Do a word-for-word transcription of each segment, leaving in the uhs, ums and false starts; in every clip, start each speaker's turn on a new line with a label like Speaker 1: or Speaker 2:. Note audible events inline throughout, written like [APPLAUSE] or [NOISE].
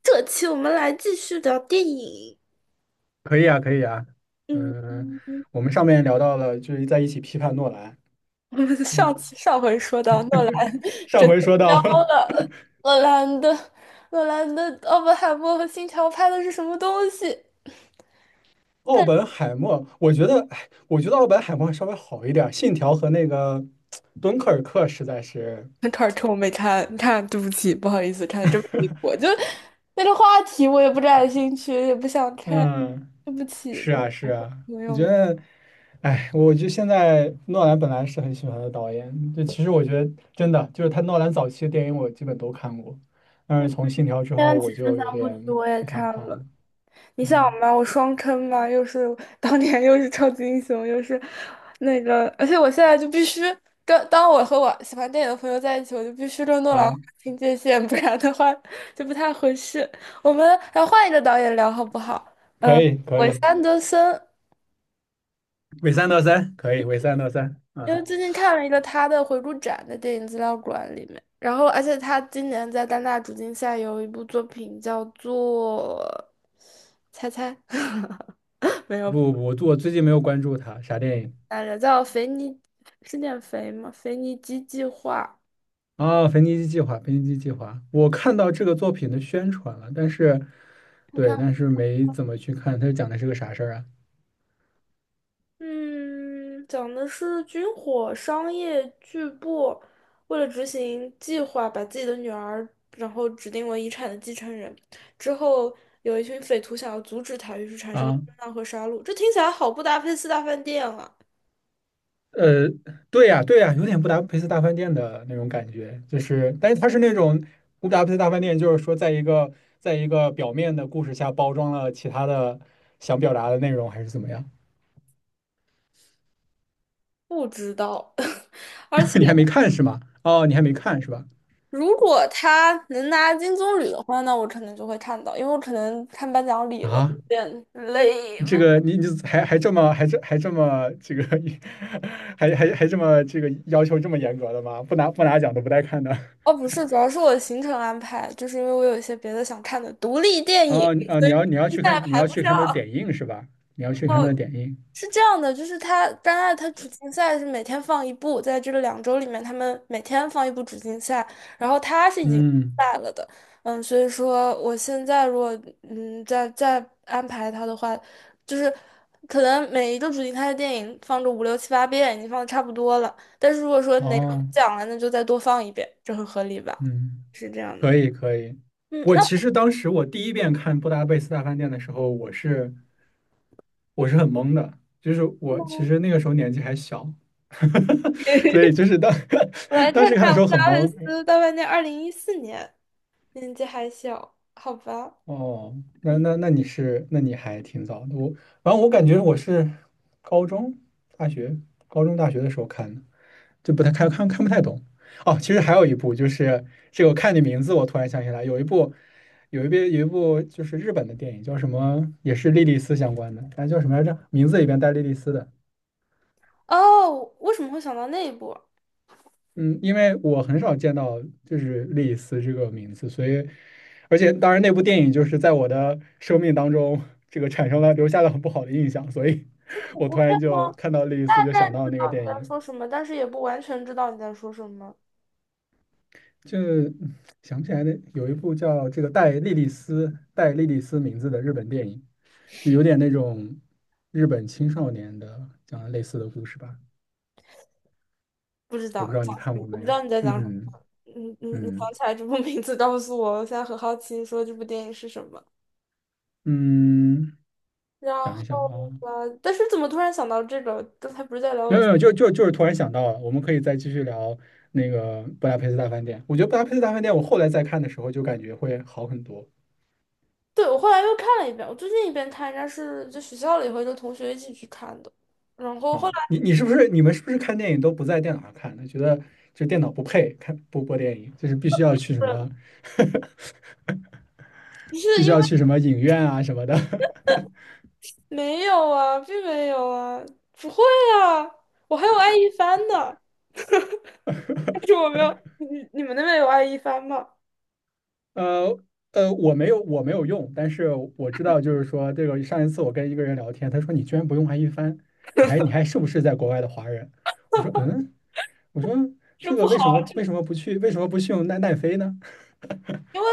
Speaker 1: 这期我们来继续聊电影。
Speaker 2: 可以啊，可以啊。嗯，
Speaker 1: 嗯，
Speaker 2: 我们上面聊到了，就是在一起批判诺兰。
Speaker 1: 我们
Speaker 2: 嗯，
Speaker 1: 上次上回说到诺兰
Speaker 2: 上
Speaker 1: 真
Speaker 2: 回
Speaker 1: 的
Speaker 2: 说
Speaker 1: 飘
Speaker 2: 到 [LAUGHS]
Speaker 1: 了，诺兰的诺兰的《奥本海默》和《星条》拍的是什么东西？
Speaker 2: 奥本海默，我觉得，哎，我觉得奥本海默稍微好一点儿，《信条》和那个《敦刻尔克》实在是，
Speaker 1: [LAUGHS] 那开儿趁我没看，看，对不起，不好意思，看的这么离谱，就那个话题我也不感兴趣，也不想看，
Speaker 2: 嗯，
Speaker 1: 对不起，
Speaker 2: 是啊，是啊，
Speaker 1: 朋
Speaker 2: 我
Speaker 1: 友
Speaker 2: 觉
Speaker 1: 们。
Speaker 2: 得，哎，我就现在诺兰本来是很喜欢的导演，就其实我觉得真的就是他诺兰早期的电影我基本都看过，但是从《信条》之
Speaker 1: 前
Speaker 2: 后
Speaker 1: 两
Speaker 2: 我
Speaker 1: 期分
Speaker 2: 就有
Speaker 1: 三部曲
Speaker 2: 点
Speaker 1: 我也
Speaker 2: 不想
Speaker 1: 看
Speaker 2: 看了。
Speaker 1: 了，你想
Speaker 2: 嗯，
Speaker 1: 嘛，我双坑嘛，又是当年又是超级英雄，又是那个，而且我现在就必须跟当我和我喜欢电影的朋友在一起，我就必须跟诺兰
Speaker 2: 啊，
Speaker 1: 划清界限，不然的话就不太合适。我们来换一个导演聊好不好？
Speaker 2: 可
Speaker 1: 嗯，
Speaker 2: 以，可
Speaker 1: 韦斯
Speaker 2: 以。
Speaker 1: 安德森，
Speaker 2: 伪三到三可以，伪三到三
Speaker 1: 因
Speaker 2: 啊！
Speaker 1: 为最近看了一个他的回顾展在电影资料馆里面，然后而且他今年在戛纳主竞赛有一部作品叫做，猜猜。[LAUGHS] 没有。
Speaker 2: 不不不，我最近没有关注他，啥电影？
Speaker 1: 来着，叫《肥尼是念肥吗？肥尼基计划，
Speaker 2: 啊，《腓尼基计划》，《腓尼基计划》，我看到这个作品的宣传了，但是，
Speaker 1: 我看，
Speaker 2: 对，但是没怎么去看，它讲的是个啥事儿啊？
Speaker 1: 嗯，讲的是军火商业巨部为了执行计划，把自己的女儿然后指定为遗产的继承人，之后有一群匪徒想要阻止他，于是产生了
Speaker 2: 啊，
Speaker 1: 混乱和杀戮。这听起来好不搭配四大饭店啊！
Speaker 2: 呃，对呀，对呀，有点布达佩斯大饭店的那种感觉，就是，但是它是那种布达佩斯大饭店，就是说在一个在一个表面的故事下包装了其他的想表达的内容，还是怎么样？
Speaker 1: 不知道，[LAUGHS] 而且
Speaker 2: [LAUGHS] 你还没看是吗？哦，你还没看是吧？
Speaker 1: 如果他能拿金棕榈的话，那我可能就会看到，因为我可能看颁奖礼了，有
Speaker 2: 啊，
Speaker 1: 点累。
Speaker 2: 这个你你还还这么还这还这么这个 [LAUGHS] 还还还这么这个要求这么严格的吗？不拿不拿奖都不带看的。
Speaker 1: 哦，不是，主要是我的行程安排，就是因为我有一些别的想看的独立电影，
Speaker 2: 哦哦，
Speaker 1: 所
Speaker 2: 你
Speaker 1: 以
Speaker 2: 要你要
Speaker 1: 接
Speaker 2: 去
Speaker 1: 下来
Speaker 2: 看你
Speaker 1: 排
Speaker 2: 要
Speaker 1: 不
Speaker 2: 去
Speaker 1: 上。
Speaker 2: 看他的点映是吧？你要去看
Speaker 1: 哦，
Speaker 2: 他的点映。
Speaker 1: 是这样的，就是它戛纳它主竞赛是每天放一部，在这个两周里面，他们每天放一部主竞赛，然后它是已经
Speaker 2: 嗯，
Speaker 1: 赛了的，嗯，所以说我现在如果嗯再再安排它的话，就是可能每一个主竞赛的电影放个五六七八遍，已经放的差不多了，但是如果说哪个不
Speaker 2: 哦，
Speaker 1: 讲了，那就再多放一遍，这很合理吧？
Speaker 2: 嗯，
Speaker 1: 是这样
Speaker 2: 可
Speaker 1: 的。
Speaker 2: 以可以。
Speaker 1: 嗯，
Speaker 2: 我
Speaker 1: 那
Speaker 2: 其实当时我第一遍看《布达佩斯大饭店》的时候，我是我是很懵的，就是我其实那个时候年纪还小，[LAUGHS] 所以就是当
Speaker 1: 我来
Speaker 2: [LAUGHS]
Speaker 1: 看
Speaker 2: 当时看
Speaker 1: 看
Speaker 2: 的时
Speaker 1: 我
Speaker 2: 候
Speaker 1: 的
Speaker 2: 很
Speaker 1: 阿尔
Speaker 2: 懵，
Speaker 1: 斯大半年，二零一四年，年纪还小，好吧？
Speaker 2: 哦，那
Speaker 1: 嗯，
Speaker 2: 那那你是，那你还挺早的。我，反正我感觉我是高中、大学、高中、大学的时候看的，就不太看看看不太懂。哦，其实还有一部，就是这个，我看你名字，我突然想起来，有一部，有一部，有一部就是日本的电影，叫什么，也是莉莉丝相关的，哎，叫什么来着？名字里边带莉莉丝的，
Speaker 1: 哦，为什么会想到那一部？
Speaker 2: 嗯，因为我很少见到就是莉莉丝这个名字，所以，而且当然那部电影就是在我的生命当中，这个产生了留下了很不好的印象，所以
Speaker 1: 恐
Speaker 2: 我
Speaker 1: 怖
Speaker 2: 突
Speaker 1: 片
Speaker 2: 然
Speaker 1: 吗？
Speaker 2: 就看到莉莉
Speaker 1: 大
Speaker 2: 丝就
Speaker 1: 概
Speaker 2: 想到
Speaker 1: 知
Speaker 2: 那个
Speaker 1: 道你
Speaker 2: 电
Speaker 1: 在
Speaker 2: 影，
Speaker 1: 说什么，但是也不完全知道你在说什么，
Speaker 2: 就想不起来那有一部叫这个带莉莉丝带莉莉丝名字的日本电影，就有点那种日本青少年的讲的类似的故事吧，
Speaker 1: 不知
Speaker 2: 我
Speaker 1: 道
Speaker 2: 不知道你
Speaker 1: 讲什
Speaker 2: 看
Speaker 1: 么，
Speaker 2: 过
Speaker 1: 我
Speaker 2: 没
Speaker 1: 不知
Speaker 2: 有？
Speaker 1: 道你在讲什么。
Speaker 2: 嗯
Speaker 1: 你你你
Speaker 2: 嗯
Speaker 1: 想起来这部名字，告诉我，我现在很好奇，你说这部电影是什么。
Speaker 2: 嗯，
Speaker 1: 然
Speaker 2: 想
Speaker 1: 后
Speaker 2: 一想啊。
Speaker 1: 吧，但是怎么突然想到这个？刚才不是在聊
Speaker 2: 没有没有，就就就是突然想到了，我们可以再继续聊那个布达佩斯大饭店。我觉得布达佩斯大饭店，我后来再看的时候就感觉会好很多
Speaker 1: 对，我后来又看了一遍，我最近一遍看应该是在学校里和一个同学一起去看的，然后后来
Speaker 2: 啊。你你是不是你们是不是看电影都不在电脑上看的？觉得就电脑不配看播播电影，就是必须要去什么，
Speaker 1: 是不
Speaker 2: [LAUGHS] 必
Speaker 1: 是
Speaker 2: 须
Speaker 1: 因为
Speaker 2: 要去什么影院啊什么的。[LAUGHS]
Speaker 1: 没有啊，并没有啊，不会啊，我还有爱一帆呢，但是我没有，你你们那边有爱一帆吗？
Speaker 2: 呃呃，我没有我没有用，但是我知道就是说这个上一次我跟一个人聊天，他说你居然不用爱一帆，你还你还是不是在国外的华人？我说嗯。我说
Speaker 1: 这
Speaker 2: 这
Speaker 1: 不
Speaker 2: 个
Speaker 1: 好
Speaker 2: 为什
Speaker 1: 啊，
Speaker 2: 么
Speaker 1: 这
Speaker 2: 为什么不去为什么不去用奈奈飞呢？
Speaker 1: 因为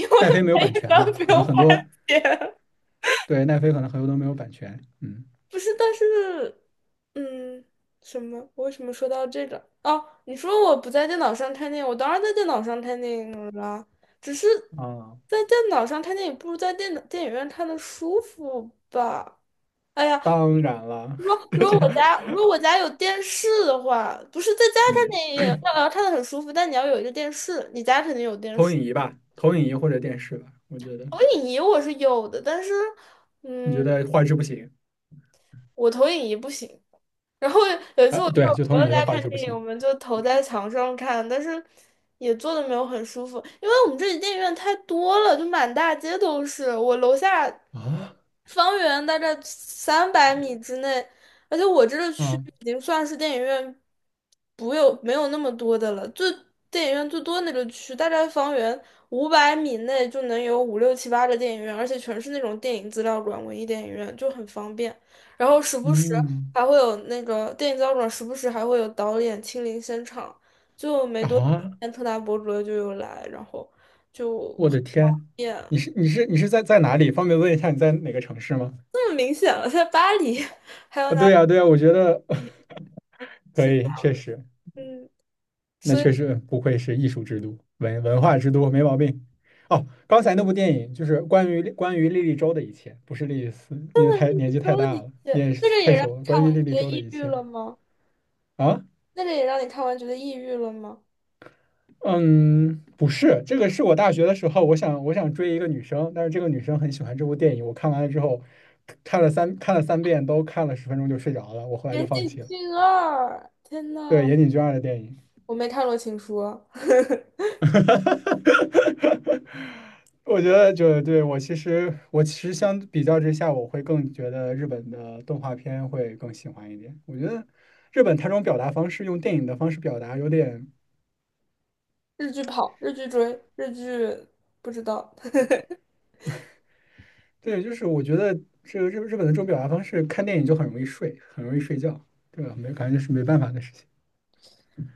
Speaker 1: 因为
Speaker 2: 奈飞没有
Speaker 1: 爱
Speaker 2: 版
Speaker 1: 一
Speaker 2: 权
Speaker 1: 帆
Speaker 2: 吧？
Speaker 1: 不
Speaker 2: 可能
Speaker 1: 用
Speaker 2: 很
Speaker 1: 花
Speaker 2: 多
Speaker 1: 钱。
Speaker 2: 对奈飞可能很多都没有版权。嗯
Speaker 1: 不是，但是，嗯，什么？我为什么说到这个？哦，你说我不在电脑上看电影，我当然在电脑上看电影了，只是
Speaker 2: 啊，
Speaker 1: 在电脑上看电影不如在电脑电影院看的舒服吧？哎呀，
Speaker 2: 当然了，
Speaker 1: 如
Speaker 2: [LAUGHS]
Speaker 1: 果如果
Speaker 2: 这
Speaker 1: 我家如果我家有电视的话，不是在家看
Speaker 2: 嗯
Speaker 1: 电影，那要看的很舒服，但你要有一个电视，你家肯定有电
Speaker 2: 投
Speaker 1: 视。
Speaker 2: 影仪吧，投影仪或者电视吧，我觉得，
Speaker 1: 投影仪我是有的，但是。
Speaker 2: 你觉
Speaker 1: 嗯。
Speaker 2: 得画质不行
Speaker 1: 我投影仪不行。然后有一次
Speaker 2: 啊，
Speaker 1: 我去
Speaker 2: 对，
Speaker 1: 我
Speaker 2: 就
Speaker 1: 朋
Speaker 2: 投影
Speaker 1: 友
Speaker 2: 仪
Speaker 1: 家
Speaker 2: 的画
Speaker 1: 看
Speaker 2: 质不
Speaker 1: 电影，我
Speaker 2: 行。
Speaker 1: 们就投在墙上看，但是也坐的没有很舒服，因为我们这里电影院太多了，就满大街都是。我楼下
Speaker 2: 啊？
Speaker 1: 方圆大概三百米之内，而且我这个区
Speaker 2: 嗯
Speaker 1: 已经算是电影院不有没有那么多的了，最电影院最多那个区大概方圆五百米内就能有五六七八个电影院，而且全是那种电影资料馆、文艺电影院，就很方便。然后时不时
Speaker 2: 嗯
Speaker 1: 还会有那个电影胶卷，时不时还会有导演亲临现场。就没多久，
Speaker 2: 啊，
Speaker 1: 特大博主就又来，然后就
Speaker 2: 我的天！
Speaker 1: 也
Speaker 2: 你是你是你是在在哪里？方便问一下你在哪个城市吗？
Speaker 1: 这么明显了，在巴黎。
Speaker 2: 啊，对呀对呀，我觉得
Speaker 1: [LAUGHS]
Speaker 2: [LAUGHS] 可
Speaker 1: 是这
Speaker 2: 以，
Speaker 1: 样
Speaker 2: 确
Speaker 1: 的，
Speaker 2: 实。
Speaker 1: 嗯，
Speaker 2: 那
Speaker 1: 所以
Speaker 2: 确实不愧是艺术之都，文文化之都，没毛病。哦，刚才那部电影就是关于关于莉莉周的一切，不是莉莉丝，因为太年纪太
Speaker 1: 说了
Speaker 2: 大
Speaker 1: 一
Speaker 2: 了，
Speaker 1: 些，
Speaker 2: 年纪
Speaker 1: 那个
Speaker 2: 太
Speaker 1: 也让你
Speaker 2: 久了。
Speaker 1: 看
Speaker 2: 关
Speaker 1: 完
Speaker 2: 于
Speaker 1: 觉
Speaker 2: 莉莉周
Speaker 1: 得
Speaker 2: 的
Speaker 1: 抑
Speaker 2: 一
Speaker 1: 郁
Speaker 2: 切
Speaker 1: 了吗？
Speaker 2: 啊，
Speaker 1: 那个也让你看完觉得抑郁了吗？
Speaker 2: 嗯，不是，这个是我大学的时候，我想我想追一个女生，但是这个女生很喜欢这部电影，我看完了之后，看了三看了三遍，都看了十分钟就睡着了，我后来
Speaker 1: 《岩
Speaker 2: 就放
Speaker 1: 井
Speaker 2: 弃了。
Speaker 1: 俊二》，天
Speaker 2: 对，
Speaker 1: 呐，
Speaker 2: 岩井俊二的电影。
Speaker 1: 我没看过《情书》啊，
Speaker 2: [LAUGHS] 我觉得就对我其实我其实相比较之下，我会更觉得日本的动画片会更喜欢一点。我觉得日本它这种表达方式，用电影的方式表达，有点
Speaker 1: 日剧跑，日剧追，日剧不知道。[LAUGHS]
Speaker 2: 对，就是我觉得这个日日本的这种表达方式，看电影就很容易睡，很容易睡觉，对吧？没感觉是没办法的事情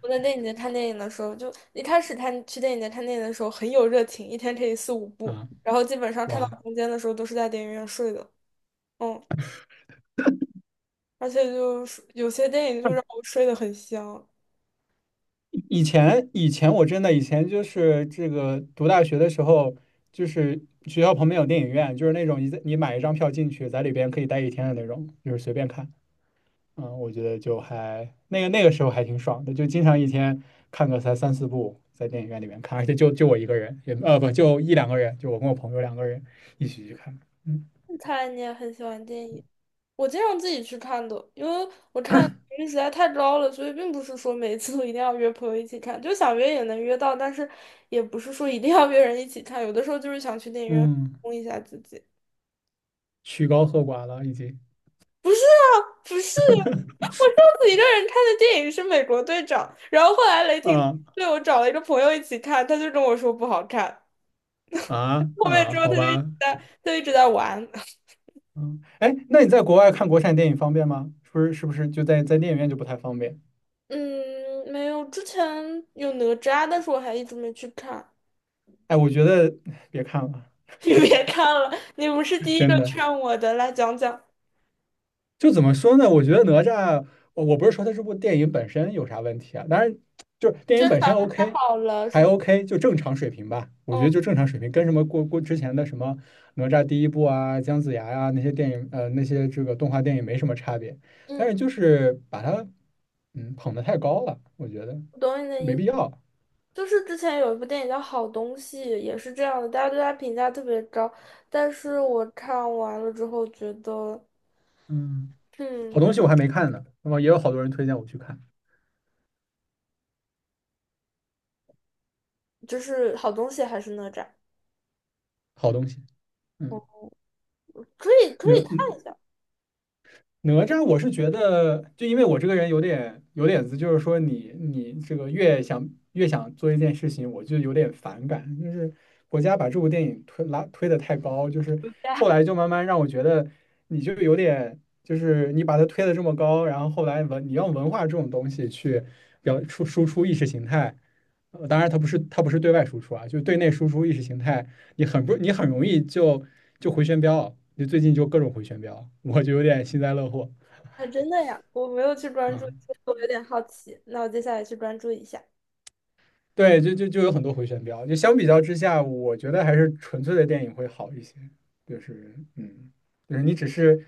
Speaker 1: 我在电影节看电影的时候，就一开始看去电影节看电影的时候很有热情，一天可以四五部，
Speaker 2: 啊，
Speaker 1: 然后基本上看到
Speaker 2: 哇。
Speaker 1: 中间的时候都是在电影院睡的，嗯，而且就是有些电影就让我睡得很香。
Speaker 2: 以前以前我真的以前就是这个读大学的时候，就是学校旁边有电影院，就是那种你在你买一张票进去，在里边可以待一天的那种，就是随便看。嗯，我觉得就还那个那个时候还挺爽的，就经常一天看个才三四部，在电影院里面看，而且就就我一个人，也呃不就一两个人，就我跟我朋友两个人一起去看。嗯
Speaker 1: 看来你也很喜欢电影，我经常自己去看的，因为我看频率实在太高了，所以并不是说每一次都一定要约朋友一起看，就想约也能约到，但是也不是说一定要约人一起看，有的时候就是想去电影院放
Speaker 2: 嗯，
Speaker 1: 松一下自己。
Speaker 2: 曲高和寡了已经。
Speaker 1: 不是，我上次一个人看的电影是《美国队长》，然后后来雷霆
Speaker 2: 啊
Speaker 1: 队我找了一个朋友一起看，他就跟我说不好看。
Speaker 2: 啊
Speaker 1: 后面
Speaker 2: 啊，
Speaker 1: 之后
Speaker 2: 好
Speaker 1: 他就一直
Speaker 2: 吧。
Speaker 1: 在，他就一直在玩。[LAUGHS]
Speaker 2: 嗯，哎，那你在国外看国产电影方便吗？是不是是不是就在在电影院就不太方便？
Speaker 1: 嗯，没有，之前有哪吒，但是我还一直没去看。
Speaker 2: 哎，我觉得别看了，
Speaker 1: [LAUGHS] 你别看了，你不是第一
Speaker 2: 真
Speaker 1: 个劝
Speaker 2: 的。
Speaker 1: 我的，来讲讲，
Speaker 2: 就怎么说呢？我觉得哪吒，我我不是说它这部电影本身有啥问题啊，当然就是电
Speaker 1: 真
Speaker 2: 影本
Speaker 1: 的
Speaker 2: 身 OK,
Speaker 1: 好了是
Speaker 2: 还
Speaker 1: 不？
Speaker 2: OK,就正常水平吧。我
Speaker 1: 嗯
Speaker 2: 觉得就正常水平，跟什么过过之前的什么哪吒第一部啊、姜子牙呀、那些电影呃那些这个动画电影没什么差别，但
Speaker 1: 嗯，
Speaker 2: 是就是把它嗯捧的太高了，我觉得
Speaker 1: 我懂你的
Speaker 2: 没
Speaker 1: 意
Speaker 2: 必
Speaker 1: 思。
Speaker 2: 要。
Speaker 1: 就是之前有一部电影叫《好东西》，也是这样的，大家对他评价特别高，但是我看完了之后觉得。
Speaker 2: 嗯。好
Speaker 1: 嗯，
Speaker 2: 东西我还没看呢，那么也有好多人推荐我去看
Speaker 1: 就是好东西还是哪吒，
Speaker 2: 好东西。嗯，
Speaker 1: 可以可以看一
Speaker 2: 哪
Speaker 1: 下。
Speaker 2: 哪吒，我是觉得，就因为我这个人有点有点子，就是说你你这个越想越想做一件事情，我就有点反感，就是国家把这部电影推拉推的太高，就是
Speaker 1: 呀，
Speaker 2: 后来就慢慢让我觉得，你就有点就是你把它推的这么高，然后后来文你用文化这种东西去表出输出意识形态。呃当然，它不是它不是对外输出啊，就是对内输出意识形态，你很不你很容易就就回旋镖，你最近就各种回旋镖，我就有点幸灾乐祸。
Speaker 1: 还真的呀，我没有去关注，
Speaker 2: 嗯，
Speaker 1: 我有点好奇。那我接下来去关注一下
Speaker 2: 对，就就就有很多回旋镖，就相比较之下，我觉得还是纯粹的电影会好一些。就是嗯，就是你只是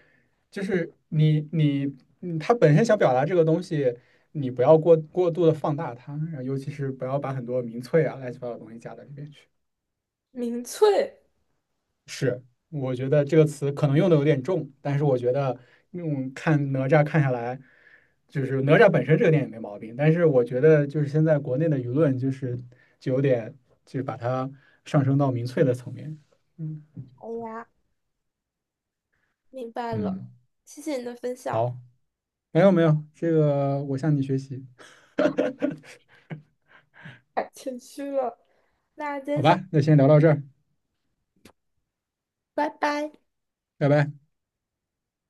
Speaker 2: 就是你你嗯，它本身想表达这个东西。你不要过过度的放大它，然后尤其是不要把很多民粹啊、乱七八糟的东西加到里面去。
Speaker 1: 民翠，
Speaker 2: 我觉得这个词可能用的有点重，但是我觉得用看哪吒看下来，就是哪吒本身这个电影没毛病，但是我觉得就是现在国内的舆论就是就有点就是把它上升到民粹的层面。嗯，
Speaker 1: 哎呀，明白了，
Speaker 2: 嗯，
Speaker 1: 谢谢你的分享，
Speaker 2: 好，没有没有，这个我向你学习，
Speaker 1: 太谦虚了。那接
Speaker 2: 好
Speaker 1: 下来，
Speaker 2: 吧，那先聊到这儿，
Speaker 1: 拜拜。
Speaker 2: 拜拜。